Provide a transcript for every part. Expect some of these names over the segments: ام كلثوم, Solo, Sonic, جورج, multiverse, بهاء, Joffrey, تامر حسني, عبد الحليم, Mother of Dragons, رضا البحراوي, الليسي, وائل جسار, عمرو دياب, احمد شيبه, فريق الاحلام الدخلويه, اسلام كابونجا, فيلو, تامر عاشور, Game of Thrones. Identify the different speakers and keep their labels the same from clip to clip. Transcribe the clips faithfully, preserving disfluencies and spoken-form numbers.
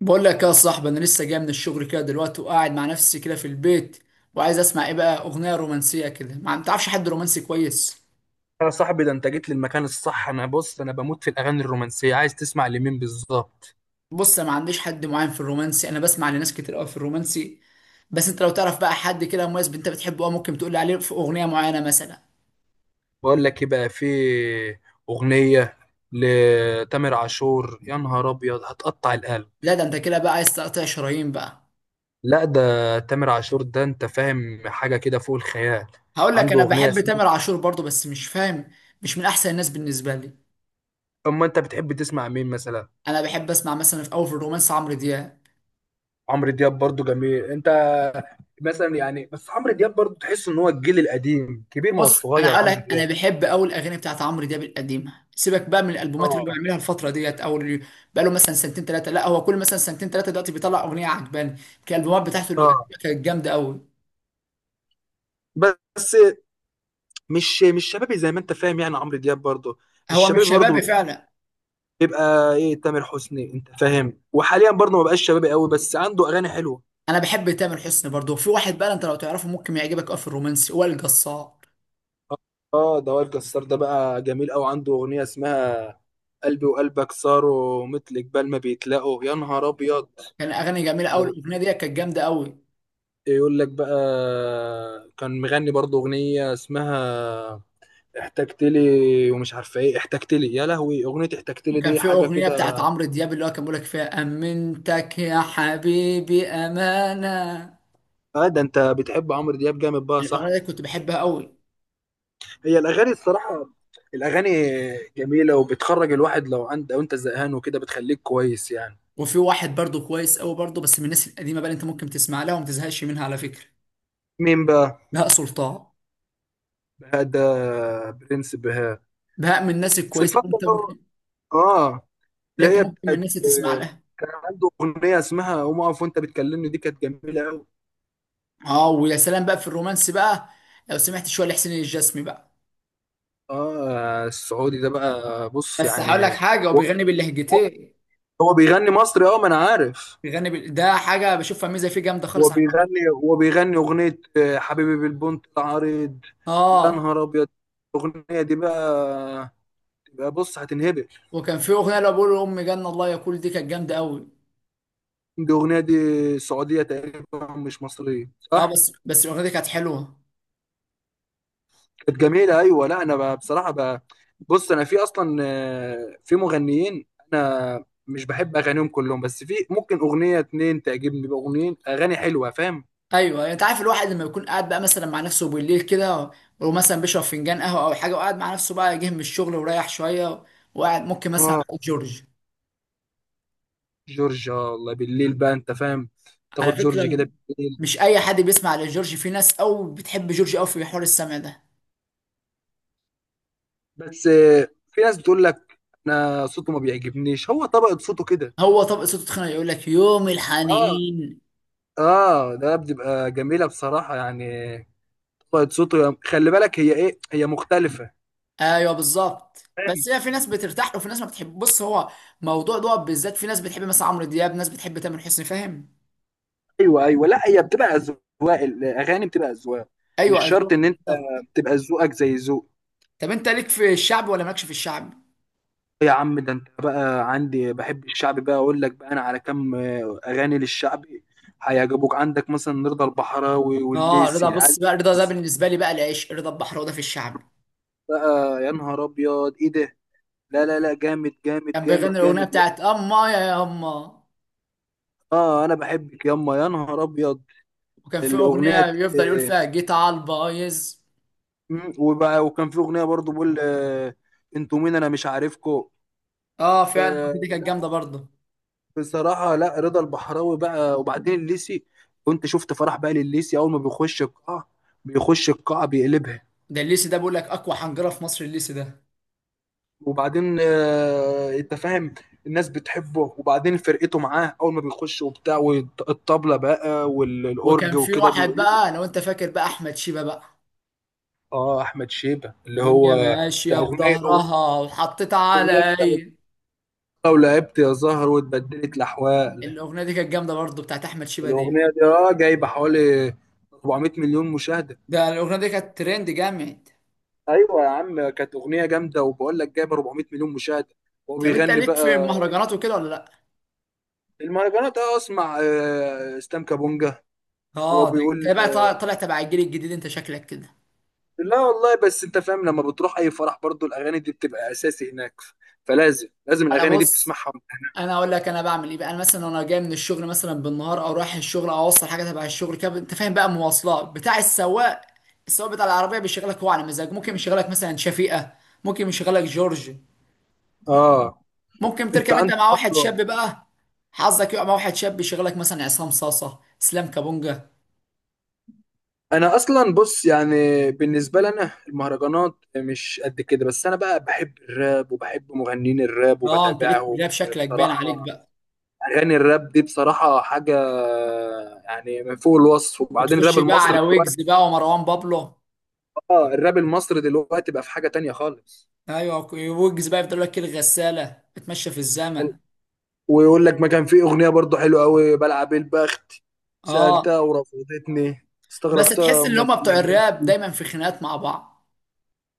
Speaker 1: بقول لك يا صاحبي، انا لسه جاي من الشغل كده دلوقتي وقاعد مع نفسي كده في البيت، وعايز اسمع ايه بقى. اغنيه رومانسيه كده، ما عن- تعرفش حد رومانسي كويس؟
Speaker 2: يا صاحبي، ده انت جيت للمكان الصح. انا بص، انا بموت في الاغاني الرومانسيه. عايز تسمع لمين بالظبط؟
Speaker 1: بص، انا ما عنديش حد معين في الرومانسي، انا بسمع لناس كتير قوي في الرومانسي. بس انت لو تعرف بقى حد كده مميز انت بتحبه، اه، ممكن تقول لي عليه في اغنيه معينه مثلا.
Speaker 2: بقول لك ايه بقى، في اغنيه لتامر عاشور، يا نهار ابيض هتقطع القلب.
Speaker 1: لا، ده انت كده بقى عايز تقطع شرايين بقى.
Speaker 2: لا ده تامر عاشور، ده انت فاهم حاجه كده فوق الخيال.
Speaker 1: هقول لك،
Speaker 2: عنده
Speaker 1: انا
Speaker 2: اغنيه
Speaker 1: بحب
Speaker 2: اسمها.
Speaker 1: تامر عاشور برضه بس مش فاهم. مش من احسن الناس بالنسبه لي.
Speaker 2: اما انت بتحب تسمع مين مثلا؟
Speaker 1: انا بحب اسمع مثلا في اول، في الرومانس، عمرو دياب.
Speaker 2: عمرو دياب برضو جميل. انت مثلا يعني، بس عمرو دياب برضو تحس ان هو الجيل القديم، كبير، ما هو
Speaker 1: بص، انا
Speaker 2: صغير
Speaker 1: هقول
Speaker 2: عمرو
Speaker 1: لك، انا
Speaker 2: دياب.
Speaker 1: بحب اول الاغاني بتاعت عمرو دياب القديمه. سيبك بقى من الالبومات اللي هو
Speaker 2: اه
Speaker 1: بيعملها الفتره ديت، او اللي بقى له مثلا سنتين ثلاثه. لا، هو كل مثلا سنتين ثلاثه دلوقتي بيطلع اغنيه عجباني. كان الالبومات بتاعته اللي
Speaker 2: اه.
Speaker 1: قديمة كانت جامده قوي.
Speaker 2: بس مش مش شبابي زي ما انت فاهم، يعني عمرو دياب برضه.
Speaker 1: هو مش
Speaker 2: الشبابي برضه
Speaker 1: شبابي فعلا.
Speaker 2: بيبقى ايه؟ تامر حسني، انت فاهم، وحاليا برضه ما بقاش شبابي قوي، بس عنده اغاني حلوه.
Speaker 1: انا بحب تامر حسني برضه. في واحد بقى انت لو تعرفه ممكن يعجبك قوي في الرومانسي، وائل جسار.
Speaker 2: اه. آه، ده وائل جسار ده بقى جميل قوي. عنده اغنيه اسمها قلبي وقلبك صاروا مثل جبال ما بيتلاقوا، يا نهار ابيض.
Speaker 1: كان اغاني جميله قوي.
Speaker 2: لو
Speaker 1: الاغنيه ديت كانت جامده قوي.
Speaker 2: يقول لك بقى، كان مغني برضه اغنيه اسمها احتجت لي، ومش عارفه ايه احتجت لي، يا لهوي اغنيه احتجت لي
Speaker 1: وكان
Speaker 2: دي
Speaker 1: في
Speaker 2: حاجه
Speaker 1: اغنيه بتاعت
Speaker 2: كده.
Speaker 1: عمرو دياب اللي هو كان بيقول لك فيها امنتك يا حبيبي امانه.
Speaker 2: اه، ده انت بتحب عمرو دياب جامد بقى، صح؟
Speaker 1: الاغنيه دي كنت بحبها قوي.
Speaker 2: هي الاغاني الصراحه، الاغاني جميله وبتخرج الواحد، لو عند، لو انت زهقان وكده بتخليك كويس يعني.
Speaker 1: وفي واحد برضو كويس قوي برضو، بس من الناس القديمه بقى اللي انت ممكن تسمع لها وما تزهقش منها على فكره.
Speaker 2: مين بقى؟
Speaker 1: بهاء سلطان.
Speaker 2: بهاء ده، برنس بهاء.
Speaker 1: بهاء من الناس
Speaker 2: بس
Speaker 1: الكويسه
Speaker 2: الفتره
Speaker 1: اللي انت
Speaker 2: اللي هو.
Speaker 1: ممكن،
Speaker 2: اه.
Speaker 1: اللي انت
Speaker 2: اللي هي
Speaker 1: ممكن من
Speaker 2: بتاعت
Speaker 1: الناس اللي تسمع
Speaker 2: آه،
Speaker 1: لها.
Speaker 2: كان عنده اغنيه اسمها قوم اقف وانت بتكلمني، دي كانت جميله قوي.
Speaker 1: اه، ويا سلام بقى في الرومانس بقى لو سمعت شويه لحسين الجسمي بقى.
Speaker 2: اه، السعودي ده بقى، بص
Speaker 1: بس هقول لك
Speaker 2: يعني.
Speaker 1: حاجه، هو
Speaker 2: هو
Speaker 1: بيغني
Speaker 2: هو-
Speaker 1: باللهجتين.
Speaker 2: هو بيغني مصري، اه ما انا عارف.
Speaker 1: بيغني بال... ده حاجه بشوفها ميزه فيه جامده
Speaker 2: هو
Speaker 1: خالص على فكره.
Speaker 2: بيغني، هو بيغني اغنيه آه، حبيبي بالبنت العريض، يا
Speaker 1: اه،
Speaker 2: نهار ابيض، الاغنيه دي بقى يبقى بص هتنهبل.
Speaker 1: وكان في اغنيه اللي بقول لامي جنه الله يا كل، دي كانت جامده قوي.
Speaker 2: دي اغنيه دي سعوديه تقريبا، مش مصريه،
Speaker 1: اه،
Speaker 2: صح؟
Speaker 1: بس بس الاغنيه دي كانت حلوه.
Speaker 2: كانت جميله، ايوه. لا، انا بقى بصراحه بقى، بص انا في اصلا آه، في مغنيين انا مش بحب اغانيهم كلهم، بس في ممكن اغنيه اتنين تعجبني باغنيين، اغاني حلوه، فاهم.
Speaker 1: ايوه، يعني انت عارف الواحد لما يكون قاعد بقى مثلا مع نفسه بالليل كده، ومثلا بيشرب فنجان قهوه او حاجه، وقاعد مع نفسه بقى، جه من الشغل ورايح شويه، وقاعد ممكن مثلا
Speaker 2: اه،
Speaker 1: على جورج.
Speaker 2: جورج آه، الله بالليل بقى، انت فاهم،
Speaker 1: على
Speaker 2: تاخد جورج
Speaker 1: فكره،
Speaker 2: كده بالليل.
Speaker 1: مش اي حد بيسمع لجورج. في ناس او بتحب جورج او في حوار السمع ده.
Speaker 2: بس آه، في ناس بتقول لك انا صوته ما بيعجبنيش، هو طبقه صوته كده.
Speaker 1: هو طبق صوته تخينه، يقول لك يوم
Speaker 2: اه.
Speaker 1: الحنين.
Speaker 2: اه، ده بتبقى جميله بصراحه يعني. طبقة صوته يا- خلي بالك، هي ايه، هي مختلفة.
Speaker 1: ايوه بالظبط.
Speaker 2: فاهم.
Speaker 1: بس هي في ناس بترتاح له وفي ناس ما بتحب. بص، هو موضوع ده بالذات، في ناس بتحب مثلا عمرو دياب، ناس بتحب تامر حسني، فاهم؟
Speaker 2: ايوه ايوه، لا هي بتبقى اذواق، الاغاني بتبقى اذواق. مش
Speaker 1: ايوه، اذواق
Speaker 2: شرط ان انت
Speaker 1: بالظبط.
Speaker 2: تبقى ذوقك زي ذوق.
Speaker 1: طب انت ليك في الشعب ولا مالكش في الشعب؟
Speaker 2: يا عم، ده انت بقى عندي بحب الشعبي بقى، اقول لك بقى انا على كام آه، اغاني للشعبي هيعجبوك. عندك مثلا رضا البحراوي
Speaker 1: اه رضا،
Speaker 2: والليسي
Speaker 1: بص
Speaker 2: العيال
Speaker 1: بقى، رضا ده بالنسبه لي بقى العيش. رضا البحراوي ده في الشعب.
Speaker 2: بقى، يا نهار ابيض ايه ده! لا لا لا، جامد جامد
Speaker 1: كان
Speaker 2: جامد
Speaker 1: بيغني الاغنيه
Speaker 2: جامد يعني.
Speaker 1: بتاعت اما يا يما.
Speaker 2: اه، انا بحبك ياما، يا نهار ابيض
Speaker 1: وكان في
Speaker 2: الاغنيه
Speaker 1: اغنيه
Speaker 2: دي.
Speaker 1: بيفضل يقول فيها جيت على البايظ.
Speaker 2: مم. وبقى وكان في اغنيه برضو بقول آه، انتوا مين انا مش عارفكو.
Speaker 1: اه فعلا،
Speaker 2: آه.
Speaker 1: الأغنية دي كانت
Speaker 2: لا،
Speaker 1: جامده برضه.
Speaker 2: بصراحه لا رضا البحراوي بقى، وبعدين الليسي، كنت شفت فرح بقى للليسي، اول ما بيخش القاعه، بيخش القاعه بيقلبها.
Speaker 1: ده الليسي ده بيقول لك اقوى حنجره في مصر الليسي ده.
Speaker 2: وبعدين آه، انت فاهم، الناس بتحبه، وبعدين فرقته معاه اول ما بيخش وبتاع والطبله بقى والاورج
Speaker 1: وكان في
Speaker 2: وكده
Speaker 1: واحد
Speaker 2: بيقلبه.
Speaker 1: بقى لو انت فاكر بقى، احمد شيبه بقى،
Speaker 2: اه، احمد شيبه اللي
Speaker 1: الدنيا
Speaker 2: هو بتاع
Speaker 1: ماشيه
Speaker 2: اغنيه،
Speaker 1: بظهرها وحطيت
Speaker 2: اغنيه بتاعت
Speaker 1: علي.
Speaker 2: لو لعبت يا زهر واتبدلت الاحوال.
Speaker 1: الاغنيه دي كانت جامده برضه، بتاعت احمد شيبه دي.
Speaker 2: الاغنيه دي اه جايبه حوالي أربعمئة مليون مشاهده.
Speaker 1: ده الاغنيه دي كانت ترند جامد.
Speaker 2: ايوه يا عم، كانت اغنيه جامده، وبقول لك جايبه أربعمئة مليون مشاهده، وهو
Speaker 1: طب انت
Speaker 2: بيغني
Speaker 1: ليك
Speaker 2: بقى.
Speaker 1: في المهرجانات وكده ولا لا؟
Speaker 2: المهرجانات، اه اسمع آه، اسلام كابونجا. وهو
Speaker 1: اه، ده انت
Speaker 2: بيقول
Speaker 1: بقى طالع
Speaker 2: آه،
Speaker 1: طالع تبع الجيل الجديد، انت شكلك كده.
Speaker 2: لا والله، بس انت فاهم لما بتروح اي فرح برضو الاغاني دي بتبقى اساسي هناك، فلازم لازم
Speaker 1: انا
Speaker 2: الاغاني دي
Speaker 1: بص
Speaker 2: بتسمعها وأنت هناك.
Speaker 1: انا اقول لك انا بعمل ايه بقى. انا مثلا وانا جاي من الشغل مثلا بالنهار، او رايح الشغل، او اوصل حاجه تبع الشغل كده، انت فاهم بقى، مواصلات بتاع السواق. السواق بتاع العربيه بيشغلك هو على مزاج. ممكن يشغلك مثلا شفيقه، ممكن يشغلك جورج،
Speaker 2: اه،
Speaker 1: ممكن
Speaker 2: انت
Speaker 1: تركب انت
Speaker 2: عندك
Speaker 1: مع واحد
Speaker 2: برضو.
Speaker 1: شاب بقى. حظك يقع مع واحد شاب يشغلك مثلا عصام صاصه، اسلام كابونجا.
Speaker 2: انا اصلا بص يعني، بالنسبه لنا المهرجانات مش قد كده، بس انا بقى بحب الراب وبحب مغنيين الراب
Speaker 1: اه انت ليك في
Speaker 2: وبتابعهم.
Speaker 1: الراب، شكلك باين عليك
Speaker 2: بصراحه
Speaker 1: بقى.
Speaker 2: اغاني الراب دي بصراحه حاجه يعني من فوق الوصف. وبعدين
Speaker 1: وتخش
Speaker 2: الراب
Speaker 1: بقى
Speaker 2: المصري
Speaker 1: على ويجز
Speaker 2: دلوقتي،
Speaker 1: بقى ومروان بابلو.
Speaker 2: اه الراب المصري دلوقتي بقى في حاجه تانية خالص.
Speaker 1: ايوه، ويوجز بقى بتقول لك إيه الغساله اتمشى في الزمن.
Speaker 2: ويقول لك، ما كان في اغنيه برضو حلوه قوي، بلعب البخت،
Speaker 1: اه،
Speaker 2: سالتها ورفضتني،
Speaker 1: بس
Speaker 2: استغربتها
Speaker 1: تحس ان
Speaker 2: امال في
Speaker 1: هم بتوع الراب
Speaker 2: إيه؟
Speaker 1: دايما في خناقات مع بعض.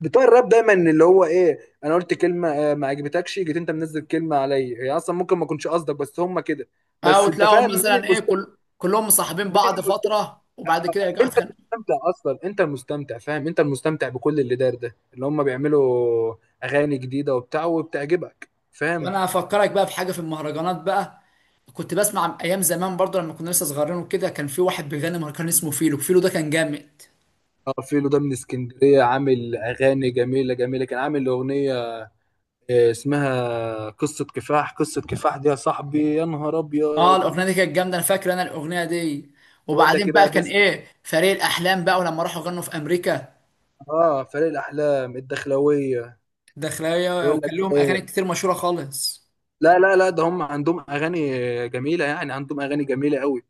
Speaker 2: بتوع الراب دايما اللي هو ايه، انا قلت كلمه آه، ما عجبتكش، جيت انت منزل كلمه عليا، هي اصلا ممكن ما اكونش قصدك، بس هم كده.
Speaker 1: اه،
Speaker 2: بس انت
Speaker 1: وتلاقيهم
Speaker 2: فاهم، مين
Speaker 1: مثلا ايه،
Speaker 2: المستمتع؟
Speaker 1: كل كلهم مصاحبين
Speaker 2: مين
Speaker 1: بعض
Speaker 2: المستمتع؟
Speaker 1: فتره وبعد كده يرجعوا
Speaker 2: انت
Speaker 1: يتخانقوا.
Speaker 2: المستمتع اصلا، انت المستمتع فاهم، انت المستمتع بكل اللي دار ده، اللي هم بيعملوا اغاني جديده وبتاع وبتعجبك، فاهم.
Speaker 1: وانا هفكرك بقى بحاجه في المهرجانات بقى. كنت بسمع ايام زمان برضه لما كنا لسه صغيرين وكده، كان في واحد بيغني مهرجان اسمه فيلو. فيلو ده كان جامد.
Speaker 2: اه فيلو ده من اسكندريه، عامل اغاني جميله جميله. كان عامل اغنيه آه، اسمها قصه كفاح، قصه كفاح دي يا صاحبي، يا نهار
Speaker 1: اه
Speaker 2: ابيض.
Speaker 1: الاغنيه دي كانت جامده، انا فاكر انا الاغنيه دي.
Speaker 2: بقول لك
Speaker 1: وبعدين
Speaker 2: ايه
Speaker 1: بقى
Speaker 2: بقى
Speaker 1: كان
Speaker 2: بس،
Speaker 1: ايه، فريق الاحلام بقى ولما راحوا غنوا في امريكا.
Speaker 2: اه فريق الاحلام الدخلويه.
Speaker 1: داخلية،
Speaker 2: يقول لك،
Speaker 1: وكان لهم أغاني كتير مشهورة خالص.
Speaker 2: لا لا لا، ده هم عندهم اغاني جميله يعني، عندهم اغاني جميله قوي.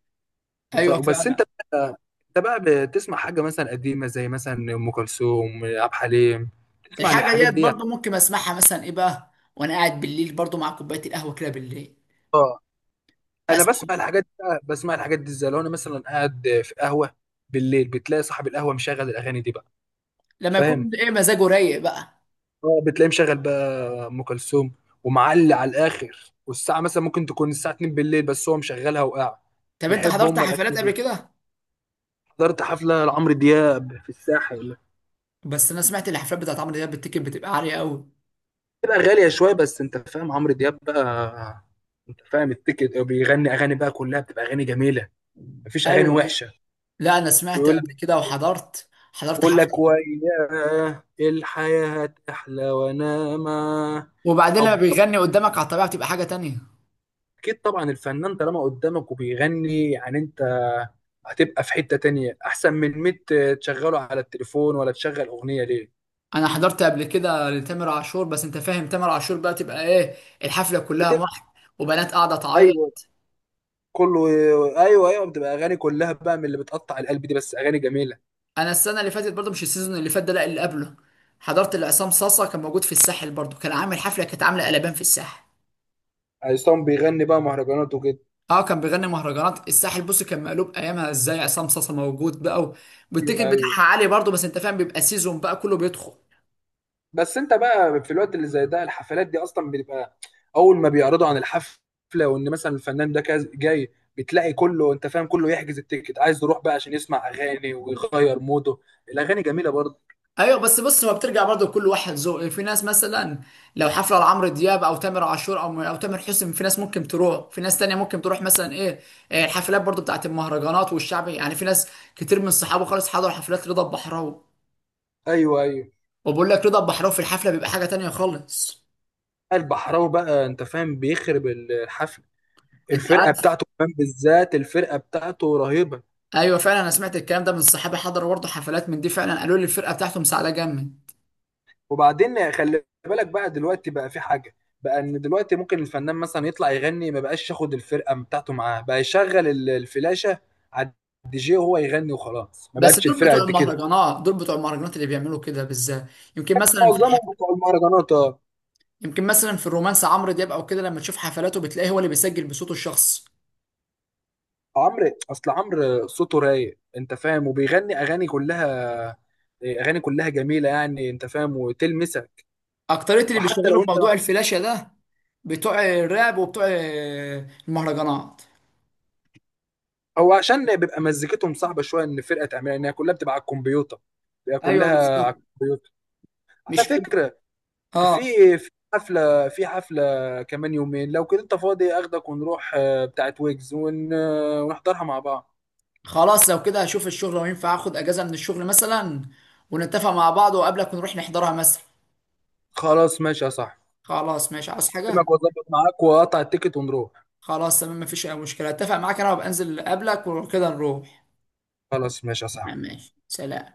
Speaker 2: بس
Speaker 1: أيوة
Speaker 2: بس انت
Speaker 1: فعلا.
Speaker 2: بقى، انت بقى بتسمع حاجه مثلا قديمه زي مثلا ام كلثوم عبد الحليم، تسمع
Speaker 1: الحاجة
Speaker 2: الحاجات
Speaker 1: ديت
Speaker 2: دي.
Speaker 1: برضو ممكن أسمعها مثلا إيه بقى وأنا قاعد بالليل برضو، مع كوباية القهوة كده بالليل
Speaker 2: اه، انا
Speaker 1: أسمع.
Speaker 2: بسمع الحاجات دي بقى- بسمع الحاجات دي ازاي، لو انا مثلا قاعد في قهوه بالليل، بتلاقي صاحب القهوه مشغل الاغاني دي بقى.
Speaker 1: لما
Speaker 2: فاهم.
Speaker 1: يكون إيه مزاجه رايق بقى.
Speaker 2: اه بتلاقيه مشغل بقى ام كلثوم، ومعلي على الاخر، والساعه مثلا ممكن تكون الساعه اتنين بالليل، بس هو مشغلها وقاعد
Speaker 1: طب أنت
Speaker 2: بيحب
Speaker 1: حضرت
Speaker 2: هم
Speaker 1: حفلات قبل
Speaker 2: الاغاني.
Speaker 1: كده؟
Speaker 2: حضرت حفله لعمرو دياب في الساحل.
Speaker 1: بس أنا سمعت الحفلات بتاعت عمرو دياب بالتيكت بتبقى عالية أوي.
Speaker 2: بتبقى غاليه شويه، بس انت فاهم عمرو دياب بقى، انت فاهم التيكت، بيغني اغاني بقى كلها بتبقى اغاني جميله، مفيش اغاني
Speaker 1: أيوة أيوة،
Speaker 2: وحشه.
Speaker 1: لا أنا سمعت
Speaker 2: ويقول،
Speaker 1: قبل كده، وحضرت حضرت
Speaker 2: يقول لك
Speaker 1: حفلة.
Speaker 2: وياه الحياه احلى وانا معاه،
Speaker 1: وبعدين لما
Speaker 2: ويقعد بقى.
Speaker 1: بيغني قدامك على الطبيعة بتبقى حاجة تانية.
Speaker 2: اكيد طبعا الفنان طالما قدامك وبيغني، يعني انت هتبقى في حتة تانية احسن من مية تشغله على التليفون ولا تشغل اغنية ليه.
Speaker 1: أنا حضرت قبل كده لتامر عاشور، بس أنت فاهم تامر عاشور بقى تبقى إيه، الحفلة كلها
Speaker 2: بتبقى،
Speaker 1: واحد وبنات قاعدة
Speaker 2: ايوه،
Speaker 1: تعيط.
Speaker 2: كله. ايوه ايوه بتبقى اغاني كلها بقى من اللي بتقطع القلب دي، بس اغاني جميلة.
Speaker 1: انا السنه اللي فاتت برضو، مش السيزون اللي فات ده، لا اللي قبله، حضرت لعصام صاصا، كان موجود في الساحل برضو، كان عامل حفله كانت عامله قلبان في الساحل.
Speaker 2: عصام بيغني بقى مهرجانات وكده.
Speaker 1: اه كان بيغني مهرجانات الساحل. بص كان مقلوب ايامها، ازاي عصام صاصا موجود بقى، و-
Speaker 2: ايوه
Speaker 1: والتيكت
Speaker 2: ايوه،
Speaker 1: بتاعها عالي برضو، بس انت فاهم بيبقى سيزون بقى كله بيدخل.
Speaker 2: بس انت بقى في الوقت اللي زي ده، الحفلات دي اصلا بتبقى اول ما بيعرضوا عن الحفلة، وان مثلا الفنان ده كاز- جاي، بتلاقي كله انت فاهم، كله يحجز التيكت عايز يروح بقى عشان يسمع اغاني ويغير موده. الاغاني جميله برضه.
Speaker 1: ايوه، بس بص، هو بترجع برضو لكل واحد ذوق. في ناس مثلا لو حفله لعمرو دياب او تامر عاشور او او تامر حسني، في ناس ممكن تروح، في ناس تانية ممكن تروح مثلا ايه. إيه، الحفلات برضو بتاعت المهرجانات والشعبي، يعني في ناس كتير من صحابه خالص حضروا حفلات رضا البحراوي.
Speaker 2: ايوه ايوه.
Speaker 1: وبقول لك رضا البحراوي في الحفله بيبقى حاجه تانية خالص،
Speaker 2: البحراوي بقى انت فاهم بيخرب الحفله،
Speaker 1: انت
Speaker 2: الفرقه
Speaker 1: عارف.
Speaker 2: بتاعته كمان، بالذات الفرقه بتاعته رهيبه.
Speaker 1: ايوه فعلا، انا سمعت الكلام ده من صحابي حضروا برضه حفلات من دي، فعلا قالوا لي الفرقه بتاعتهم سعاده جامد.
Speaker 2: وبعدين خلي بالك بقى دلوقتي بقى، في حاجه بقى، ان دلوقتي ممكن الفنان مثلا يطلع يغني ما بقاش ياخد الفرقه بتاعته معاه، بقى يشغل ال- الفلاشه على الدي جي وهو يغني وخلاص، ما
Speaker 1: بس
Speaker 2: بقتش
Speaker 1: دول
Speaker 2: الفرقه
Speaker 1: بتوع
Speaker 2: قد كده.
Speaker 1: المهرجانات، دول بتوع المهرجانات اللي بيعملوا كده بالذات. يمكن مثلا في الح...
Speaker 2: معظمهم بتوع المهرجانات آه.
Speaker 1: يمكن مثلا في الرومانس عمرو دياب او كده، لما تشوف حفلاته بتلاقيه هو اللي بيسجل بصوته الشخصي.
Speaker 2: عمرو، اصل عمرو صوته رايق انت فاهم، وبيغني اغاني كلها، اغاني كلها جميله يعني انت فاهم وتلمسك.
Speaker 1: اكتريه اللي
Speaker 2: وحتى
Speaker 1: بيشتغلوا
Speaker 2: لو انت،
Speaker 1: بموضوع الفلاشه ده بتوع الراب وبتوع المهرجانات.
Speaker 2: هو عشان بيبقى مزيكتهم صعبه شويه، ان الفرقه تعملها، ان هي كلها بتبقى على الكمبيوتر، بيبقى
Speaker 1: ايوه
Speaker 2: كلها
Speaker 1: بالظبط.
Speaker 2: على الكمبيوتر. على
Speaker 1: مش كل
Speaker 2: فكره، في
Speaker 1: اه
Speaker 2: في حفله، في حفله كمان يومين، لو كده انت فاضي اخدك ونروح آه، بتاعت ويجز ون... آه، ونحضرها مع بعض.
Speaker 1: خلاص لو كده هشوف الشغل وينفع اخد اجازة من الشغل مثلا، ونتفق مع بعض وقبلك ونروح نحضرها مثلا.
Speaker 2: خلاص ماشي يا صاحبي،
Speaker 1: خلاص ماشي، عاوز حاجة؟
Speaker 2: اكلمك واظبط معاك واقطع التيكت ونروح.
Speaker 1: خلاص تمام، مفيش اي مشكلة، اتفق معاك انا وابقى انزل قبلك وكده نروح.
Speaker 2: خلاص ماشي يا صاحبي.
Speaker 1: ماشي، سلام.